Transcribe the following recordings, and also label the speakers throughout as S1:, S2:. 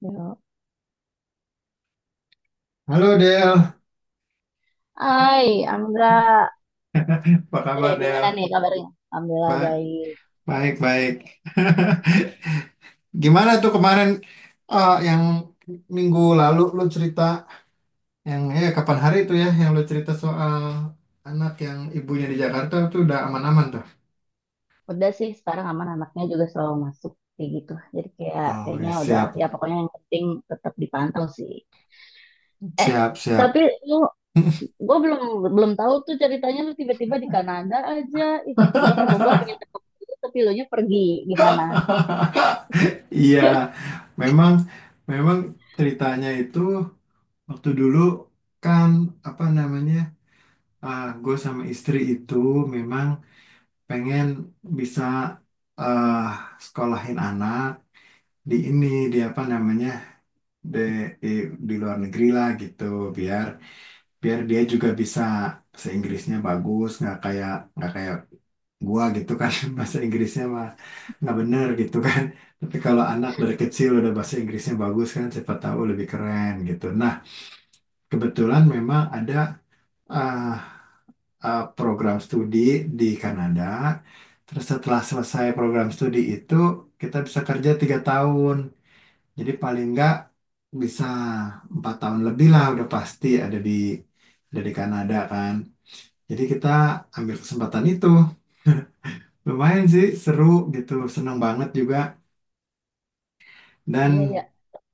S1: Ya,
S2: Halo Del,
S1: hai, Amra.
S2: apa kabar
S1: Gimana
S2: Del?
S1: nih kabarnya? Alhamdulillah
S2: Baik,
S1: baik.
S2: baik, baik. Gimana tuh kemarin yang minggu lalu lu cerita yang ya kapan hari itu ya yang lu cerita soal anak yang ibunya di Jakarta tuh udah aman-aman tuh.
S1: Udah sih, sekarang aman anaknya juga selalu masuk kayak gitu. Jadi kayak
S2: Oh, ya,
S1: kayaknya udah
S2: siap,
S1: ya pokoknya yang penting tetap dipantau sih. Eh,
S2: siap,
S1: tapi
S2: siap.
S1: lu gue belum belum tahu tuh ceritanya lu tiba-tiba di Kanada aja. Ih, gue ke Bogor pengen ketemu lu, tapi lu nya pergi. Gimana?
S2: Iya, memang memang ceritanya itu waktu dulu kan apa namanya? Ah gue sama istri itu memang pengen bisa eh sekolahin anak di ini di apa namanya di, di di luar negeri lah gitu biar biar dia juga bisa bahasa Inggrisnya bagus nggak kayak gua gitu kan, bahasa Inggrisnya mah nggak bener gitu kan, tapi kalau anak dari kecil udah bahasa Inggrisnya bagus kan siapa tahu lebih keren gitu. Nah kebetulan memang ada eh, program studi di Kanada. Terus setelah selesai program studi itu kita bisa kerja 3 tahun. Jadi paling nggak bisa 4 tahun lebih lah, udah pasti ada di Kanada kan. Jadi kita ambil kesempatan itu. Lumayan sih seru gitu, seneng banget juga
S1: Iya ya,
S2: dan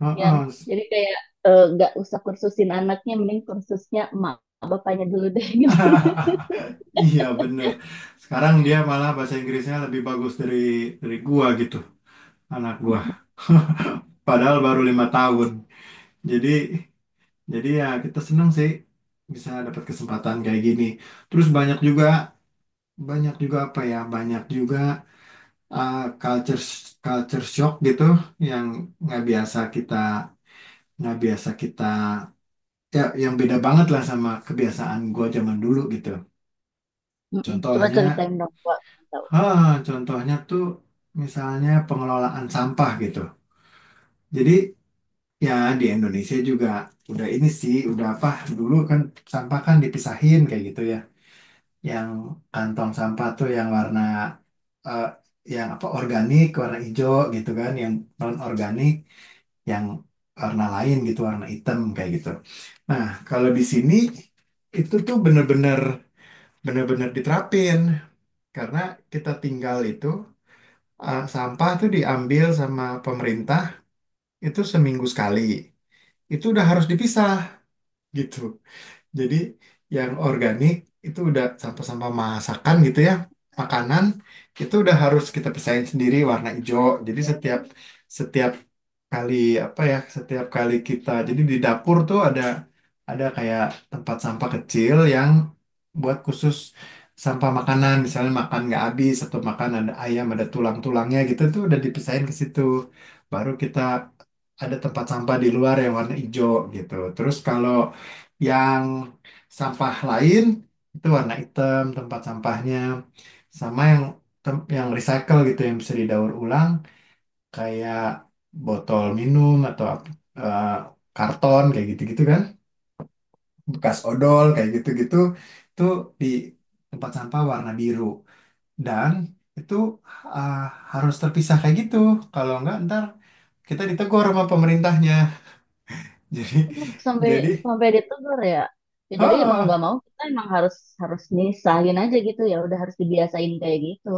S2: oh,
S1: Yan.
S2: oh.
S1: Jadi kayak nggak usah kursusin anaknya, mending kursusnya emak bapaknya dulu deh gitu.
S2: Iya bener. Sekarang dia malah bahasa Inggrisnya lebih bagus dari gua gitu, anak gua. Padahal baru 5 tahun. Jadi jadi ya kita senang sih bisa dapat kesempatan kayak gini. Terus banyak juga apa ya? Banyak juga culture culture shock gitu yang nggak biasa kita nggak biasa kita ya, yang beda banget lah sama kebiasaan gua zaman dulu gitu.
S1: Mm-mm. Coba
S2: Contohnya,
S1: ceritain dong, Wak.
S2: ha, contohnya tuh misalnya pengelolaan sampah gitu. Jadi ya di Indonesia juga udah ini sih udah apa dulu kan sampah kan dipisahin kayak gitu ya. Yang kantong sampah tuh yang warna eh, yang apa organik warna hijau gitu kan, yang non organik yang warna lain gitu warna hitam kayak gitu. Nah kalau di sini itu tuh bener-bener diterapin karena kita tinggal itu. Sampah tuh diambil sama pemerintah itu seminggu sekali, itu udah harus dipisah gitu. Jadi yang organik itu udah sampah-sampah masakan gitu ya, makanan, itu udah harus kita pisahin sendiri warna hijau. Jadi setiap setiap kali apa ya, setiap kali kita jadi di dapur tuh ada kayak tempat sampah kecil yang buat khusus sampah makanan, misalnya makan nggak habis atau makan ada ayam ada tulang-tulangnya gitu tuh udah dipisahin ke situ. Baru kita ada tempat sampah di luar yang warna hijau gitu. Terus kalau yang sampah lain itu warna hitam tempat sampahnya. Sama yang yang recycle gitu yang bisa didaur ulang kayak botol minum atau eh, karton kayak gitu-gitu kan. Bekas odol kayak gitu-gitu itu di tempat sampah warna biru. Dan itu ah, harus terpisah kayak gitu. Kalau enggak ntar kita ditegur sama pemerintahnya. Jadi
S1: Oh, sampai
S2: jadi
S1: sampai ditegur ya. Ya jadi mau
S2: ha
S1: nggak mau kita emang harus harus nyisahin aja gitu ya udah harus dibiasain kayak gitu.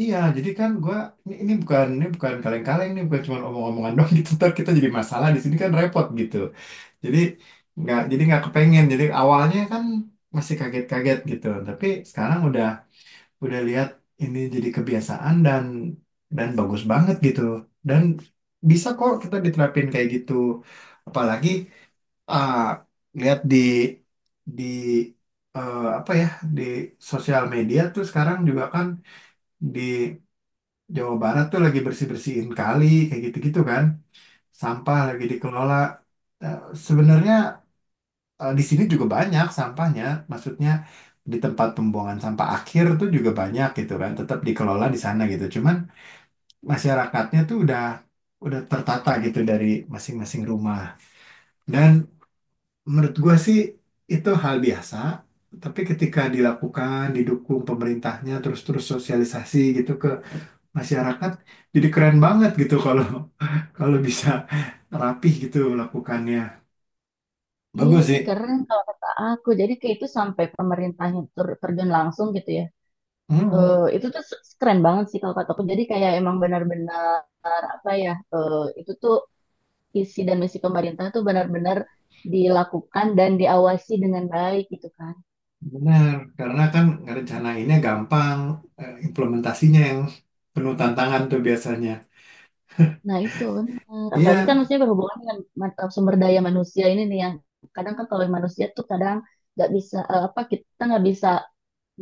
S2: Iya, jadi kan gua ini, ini bukan kaleng-kaleng, ini bukan cuma omong-omongan doang gitu. Ntar kita jadi masalah di sini kan repot gitu. Jadi jadi nggak kepengen. Jadi awalnya kan masih kaget-kaget gitu, tapi sekarang udah lihat ini jadi kebiasaan dan bagus banget gitu. Dan bisa kok kita diterapin kayak gitu. Apalagi ah, lihat di apa ya di sosial media tuh sekarang juga kan di Jawa Barat tuh lagi bersih-bersihin kali kayak gitu-gitu kan. Sampah lagi dikelola. Eh, Sebenarnya di sini juga banyak sampahnya. Maksudnya di tempat pembuangan sampah akhir tuh juga banyak gitu kan. Tetap dikelola di sana gitu. Cuman masyarakatnya tuh udah tertata gitu dari masing-masing rumah. Dan menurut gua sih itu hal biasa. Tapi ketika dilakukan, didukung pemerintahnya, terus-terus sosialisasi gitu ke masyarakat jadi keren banget gitu kalau kalau bisa rapih gitu lakukannya.
S1: Iya
S2: Bagus
S1: sih
S2: sih.
S1: keren kalau kata aku. Jadi kayak itu sampai pemerintahnya terjun langsung gitu ya.
S2: Hmm,
S1: Itu tuh keren banget sih kalau kata aku. Jadi kayak emang benar-benar apa ya? Itu tuh isi dan misi pemerintah tuh benar-benar dilakukan dan diawasi dengan baik gitu kan.
S2: benar. Karena kan ngerencanainnya gampang, implementasinya yang penuh tantangan tuh biasanya.
S1: Nah, itu benar. Apalagi kan
S2: Iya.
S1: maksudnya berhubungan dengan sumber daya manusia ini nih yang kadang kan kalau manusia tuh kadang nggak bisa apa kita nggak bisa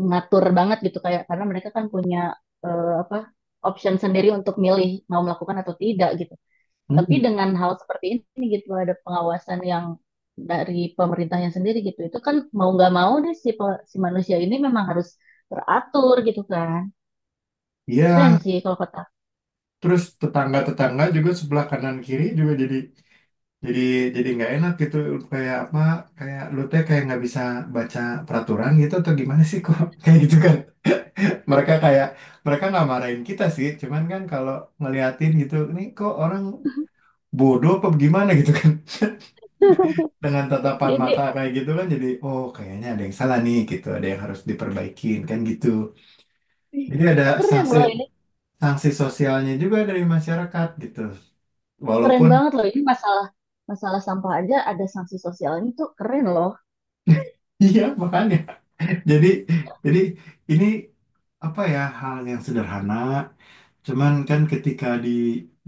S1: mengatur banget gitu kayak karena mereka kan punya apa option sendiri untuk milih mau melakukan atau tidak gitu. Tapi
S2: Hmm,
S1: dengan hal seperti ini gitu ada pengawasan yang dari pemerintahnya sendiri gitu. Itu kan mau nggak mau deh si si manusia ini memang harus teratur gitu kan. Keren
S2: iya.
S1: sih kalau kata.
S2: Terus tetangga-tetangga juga sebelah kanan kiri juga jadi jadi nggak enak gitu. Kayak apa? Kayak lu teh kayak nggak bisa baca peraturan gitu atau gimana sih kok kayak gitu kan? Mereka kayak mereka nggak marahin kita sih cuman kan kalau ngeliatin gitu nih kok orang bodoh apa gimana gitu kan, dengan tatapan
S1: Jadi
S2: mata kayak gitu kan, jadi oh kayaknya ada yang salah nih gitu ada yang harus diperbaikin kan gitu. Jadi ada
S1: keren
S2: sanksi
S1: loh ini
S2: sanksi sosialnya juga dari masyarakat gitu
S1: keren
S2: walaupun
S1: banget loh ini masalah masalah sampah aja ada sanksi sosialnya tuh keren loh
S2: iya makanya jadi jadi ini apa ya, hal yang sederhana cuman kan ketika di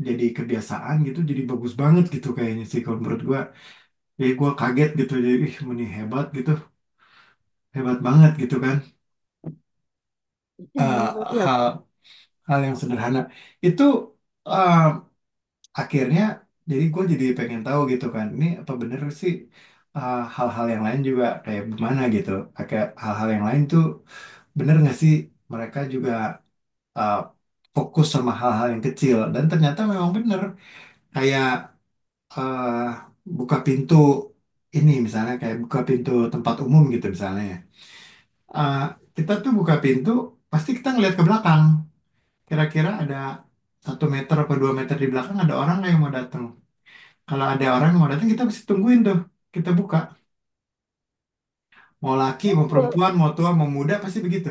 S2: jadi kebiasaan gitu jadi bagus banget gitu kayaknya sih kalau menurut gua. Jadi gue kaget gitu, jadi ih Muni hebat gitu, hebat banget gitu kan.
S1: iya
S2: Eh,
S1: hebat ya
S2: hal hal yang sederhana itu eh, akhirnya jadi gue jadi pengen tahu gitu kan, ini apa bener sih hal-hal yang lain juga kayak gimana gitu. Kayak hal-hal yang lain tuh bener nggak sih mereka juga eh, fokus sama hal-hal yang kecil dan ternyata memang bener kayak eh, buka pintu ini misalnya, kayak buka pintu tempat umum gitu misalnya. Ya. eh, Kita tuh buka pintu, pasti kita ngeliat ke belakang. Kira-kira ada 1 meter atau 2 meter di belakang ada orang nggak yang mau datang. Kalau ada orang yang mau datang, kita pasti tungguin tuh. Kita buka. Mau laki, mau
S1: oh,
S2: perempuan, mau tua, mau muda, pasti begitu.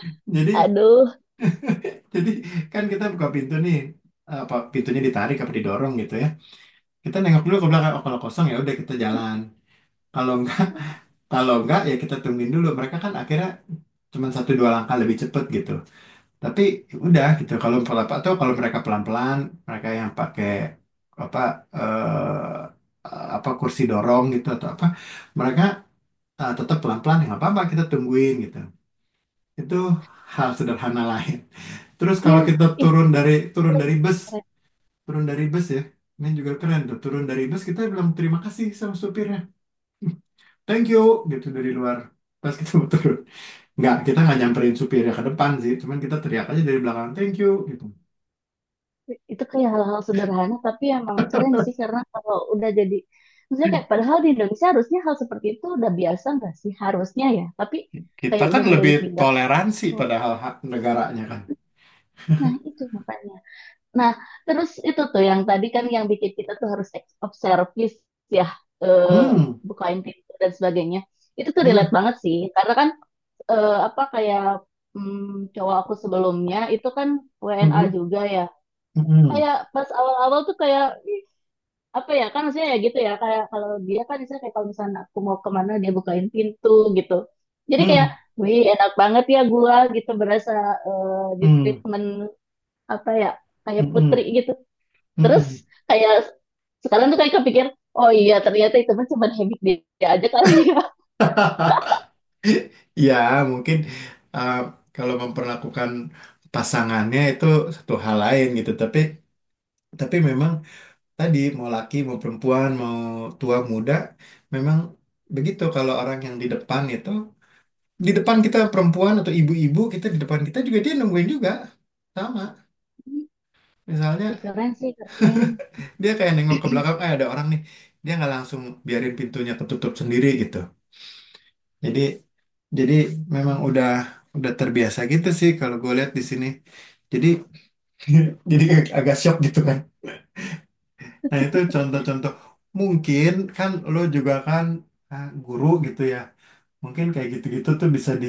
S2: Jadi,
S1: aduh
S2: jadi kan kita buka pintu nih. Apa pintunya ditarik apa didorong gitu ya. Kita nengok dulu ke belakang. Oh, kalau kosong ya udah kita jalan. Kalau nggak, kalau nggak ya kita tungguin dulu. Mereka kan akhirnya cuma satu dua langkah lebih cepet gitu. Tapi udah gitu kalau pelan atau kalau mereka pelan-pelan, mereka yang pakai apa eh, apa kursi dorong gitu atau apa, mereka tetap pelan-pelan ya nggak apa-apa kita tungguin gitu. Itu hal sederhana lain. Terus kalau
S1: ya
S2: kita
S1: ih keren, keren, keren.
S2: turun dari bus ya. Ini juga keren tuh, turun dari bus kita bilang terima kasih sama supirnya. Thank you gitu dari luar, pas kita mau turun. Nggak, kita nggak nyamperin supirnya ke depan sih, cuman kita teriak aja dari belakang, thank you gitu.
S1: Itu kayak hal-hal sederhana tapi emang keren sih karena kalau udah jadi maksudnya kayak padahal di Indonesia harusnya hal seperti itu udah biasa nggak sih harusnya ya tapi
S2: Kita
S1: kayak
S2: kan
S1: udah mulai
S2: lebih
S1: ditinggal
S2: toleransi padahal hak negaranya kan.
S1: nah itu makanya. Nah, terus itu tuh yang tadi kan yang bikin kita tuh harus ex- of service ya, eh,
S2: Hmm,
S1: bukain pintu dan sebagainya. Itu tuh relate
S2: hmm,
S1: banget sih, karena kan apa kayak mm, cowok aku sebelumnya itu kan WNA
S2: hmm,
S1: juga ya.
S2: hmm,
S1: Kayak pas awal-awal tuh kayak ih, apa ya kan maksudnya ya gitu ya kayak kalau dia kan misalnya kayak kalau misalnya aku mau kemana dia bukain pintu gitu. Jadi kayak
S2: hmm,
S1: wih enak banget ya gua gitu berasa eh, di
S2: hmm,
S1: treatment apa ya kayak
S2: hmm,
S1: putri gitu.
S2: hmm,
S1: Terus
S2: hmm.
S1: kayak sekarang tuh kayak kepikir, oh iya ternyata itu mah cuma habit dia aja kali ya.
S2: Ya, mungkin uh, kalau memperlakukan pasangannya itu satu hal lain gitu. Tapi memang tadi mau laki mau perempuan mau tua muda memang begitu, kalau orang yang di depan itu di depan kita perempuan atau ibu-ibu, kita di depan kita juga dia nungguin juga sama. Misalnya
S1: Ih, keren sih, keren.
S2: dia kayak nengok ke belakang, eh ada orang nih. Dia nggak langsung biarin pintunya ketutup sendiri gitu. Jadi jadi memang udah terbiasa gitu sih kalau gue lihat di sini. Jadi jadi agak shock gitu kan. Nah itu contoh-contoh, mungkin kan lo juga kan guru gitu ya. Mungkin kayak gitu-gitu tuh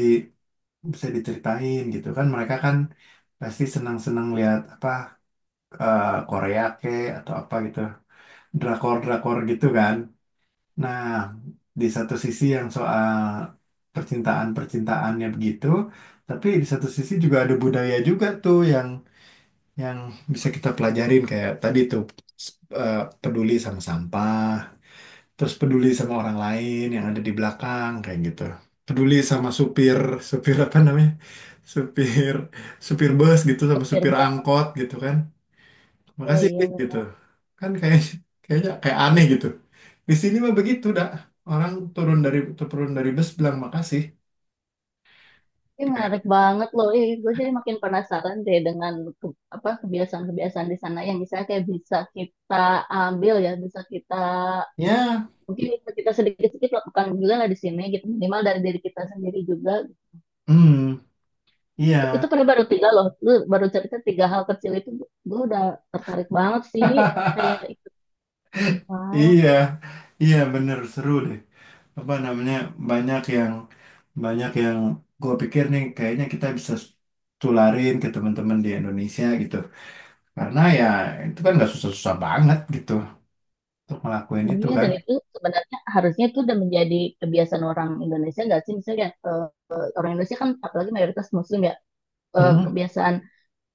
S2: bisa diceritain gitu kan. Mereka kan pasti senang-senang lihat apa eh, Korea ke atau apa gitu. Drakor-drakor gitu kan. Nah, di satu sisi yang soal percintaan-percintaannya begitu, tapi di satu sisi juga ada budaya juga tuh yang bisa kita pelajarin, kayak tadi tuh s- eh, peduli sama sampah, terus peduli sama orang lain yang ada di belakang kayak gitu. Peduli sama supir, supir apa namanya? Supir Supir bus gitu sama
S1: Supir
S2: supir
S1: bangga,
S2: angkot gitu kan, makasih
S1: iya
S2: gitu
S1: benar.
S2: kan. Kayak kayaknya kayak aneh gitu, di sini mah begitu dah, orang turun dari bus bilang makasih.
S1: Ini
S2: Kayak
S1: menarik banget loh. Ih, gue jadi makin penasaran deh dengan apa kebiasaan-kebiasaan di sana yang misalnya kayak bisa kita ambil ya, bisa kita
S2: ya
S1: mungkin bisa kita sedikit-sedikit lakukan juga lah di sini gitu. Minimal dari diri kita sendiri juga.
S2: hmm
S1: Itu
S2: iya
S1: padahal baru tiga loh. Lu baru cerita tiga hal kecil itu gue udah tertarik banget sih kayak ikut sumpah.
S2: iya iya, bener seru deh, apa namanya, banyak yang banyak yang gue pikir nih, kayaknya kita bisa tularin ke teman-teman di Indonesia gitu, karena ya itu kan nggak susah-susah banget gitu untuk ngelakuin itu
S1: Iya,
S2: kan.
S1: dan itu sebenarnya harusnya itu udah menjadi kebiasaan orang Indonesia nggak sih? Misalnya orang Indonesia kan apalagi mayoritas Muslim ya,
S2: Hmm,
S1: kebiasaan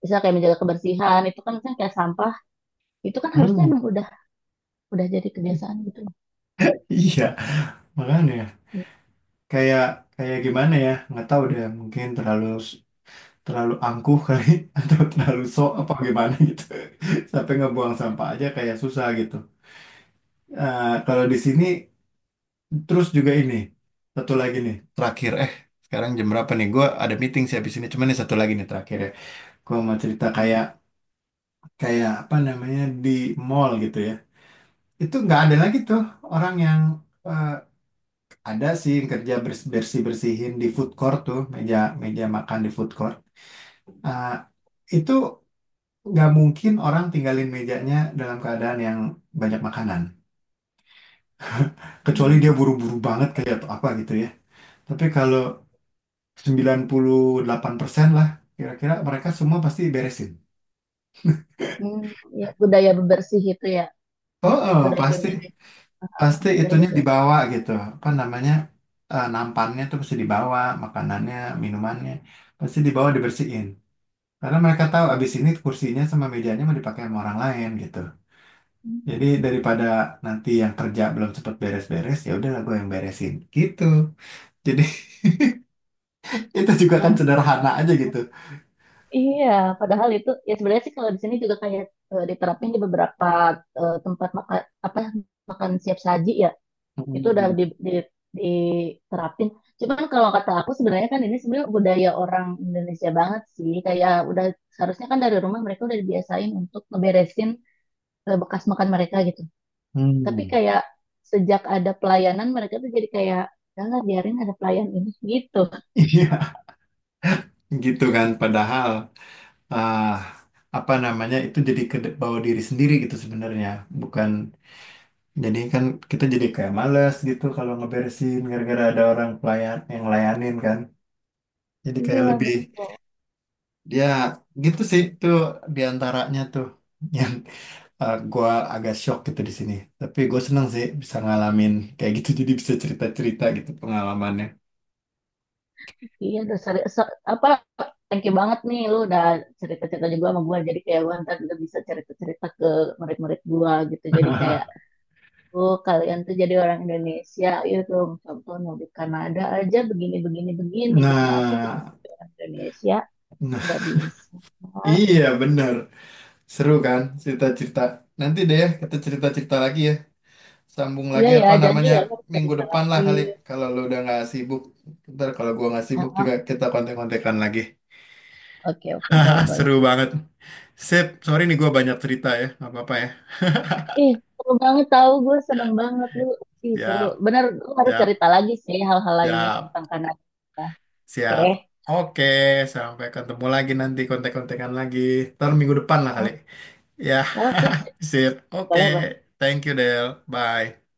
S1: misalnya kayak menjaga kebersihan itu kan misalnya kayak sampah itu kan harusnya
S2: hmm.
S1: emang udah jadi kebiasaan gitu.
S2: Iya
S1: Tapi,
S2: makanya
S1: mm,
S2: kayak kayak gimana ya, nggak tahu deh mungkin terlalu terlalu angkuh kali atau terlalu sok apa gimana gitu, sampai ngebuang sampah aja kayak susah gitu. Kalau di sini terus juga ini satu lagi nih terakhir, sekarang jam berapa nih, gue ada meeting sih habis ini, cuman nih satu lagi nih terakhir ya, gue mau cerita kayak kayak apa namanya di mall gitu ya. Itu nggak ada lagi tuh orang yang eh, ada sih yang kerja bersih bersihin di food court tuh, meja meja makan di food court. Nah, itu nggak mungkin orang tinggalin mejanya dalam keadaan yang banyak makanan. Kecuali
S1: mm,
S2: dia buru-buru banget kayak atau apa gitu ya. Tapi kalau 98% lah kira-kira mereka semua pasti beresin.
S1: mm, ya budaya bebersih itu ya
S2: Oh, oh,
S1: budaya
S2: pasti
S1: beberes, ah, ah,
S2: pasti
S1: budaya
S2: itunya
S1: beberes.
S2: dibawa gitu. Apa namanya? Nampannya tuh pasti dibawa, makanannya, minumannya pasti dibawa dibersihin. Karena mereka tahu abis ini kursinya sama mejanya mau dipakai sama orang lain gitu.
S1: Hmm,
S2: Jadi daripada nanti yang kerja belum cepet beres-beres, ya udahlah gue yang beresin gitu. Jadi itu juga kan
S1: ya,
S2: sederhana aja gitu.
S1: iya, padahal itu ya sebenarnya sih kalau di sini juga kayak diterapin di beberapa tempat makan apa makan siap saji ya. Itu udah
S2: Hmm.
S1: di, diterapin. Cuman kalau kata aku sebenarnya kan ini sebenarnya budaya orang Indonesia banget sih. Kayak udah seharusnya kan dari rumah mereka udah dibiasain untuk ngeberesin bekas makan mereka gitu. Tapi
S2: Hmm.
S1: kayak sejak ada pelayanan mereka tuh jadi kayak "Udah lah biarin ada pelayan ini gitu.
S2: Iya, gitu kan. Padahal ah apa namanya itu jadi ke bawa diri sendiri gitu sebenarnya. Bukan, jadi kan kita jadi kayak males gitu kalau ngeberesin gara-gara ada orang pelayan yang layanin kan. Jadi kayak
S1: Iya,
S2: lebih
S1: betul.
S2: ya gitu sih tuh, diantaranya tuh yang gua agak shock gitu di sini. Tapi gue seneng sih bisa ngalamin kayak gitu, jadi bisa cerita-cerita gitu pengalamannya.
S1: Iya udah apa thank you banget nih lu udah cerita-cerita juga sama gue. Jadi kayak gue ntar udah bisa cerita-cerita ke murid-murid gue gitu. Jadi kayak oh, kalian tuh jadi orang Indonesia, yuk tuh contohnya di Kanada aja begini begini begini gitu masa kita
S2: Nah,
S1: sebagai orang Indonesia
S2: nah,
S1: nggak bisa.
S2: iya bener. Seru kan cerita-cerita. Nanti deh ya, kita cerita-cerita lagi ya. Sambung
S1: Iya
S2: lagi
S1: ya,
S2: apa
S1: jadi
S2: namanya
S1: ya lo harus
S2: minggu
S1: cerita
S2: depan lah
S1: lagi.
S2: kali, kalau lu udah nggak sibuk. Ntar kalau gua nggak
S1: Ah,
S2: sibuk
S1: ah,
S2: juga kita kontek-kontekan lagi.
S1: oke oke boleh
S2: Ah,
S1: boleh.
S2: seru banget. Sip, sorry nih gua banyak cerita ya. Nggak apa-apa ya.
S1: Ih seru banget tahu gue seneng banget lu. Ih seru,
S2: Siap,
S1: bener lu harus
S2: siap,
S1: cerita lagi sih hal-hal lainnya
S2: siap.
S1: tentang Kanada.
S2: Siap.
S1: Oke,
S2: Oke, sampai ketemu lagi, nanti kontek-kontekan lagi. Ntar minggu depan lah
S1: oh,
S2: kali. Ya,
S1: oke sih.
S2: sip. Oke,
S1: Boleh boleh.
S2: thank you Del. Bye.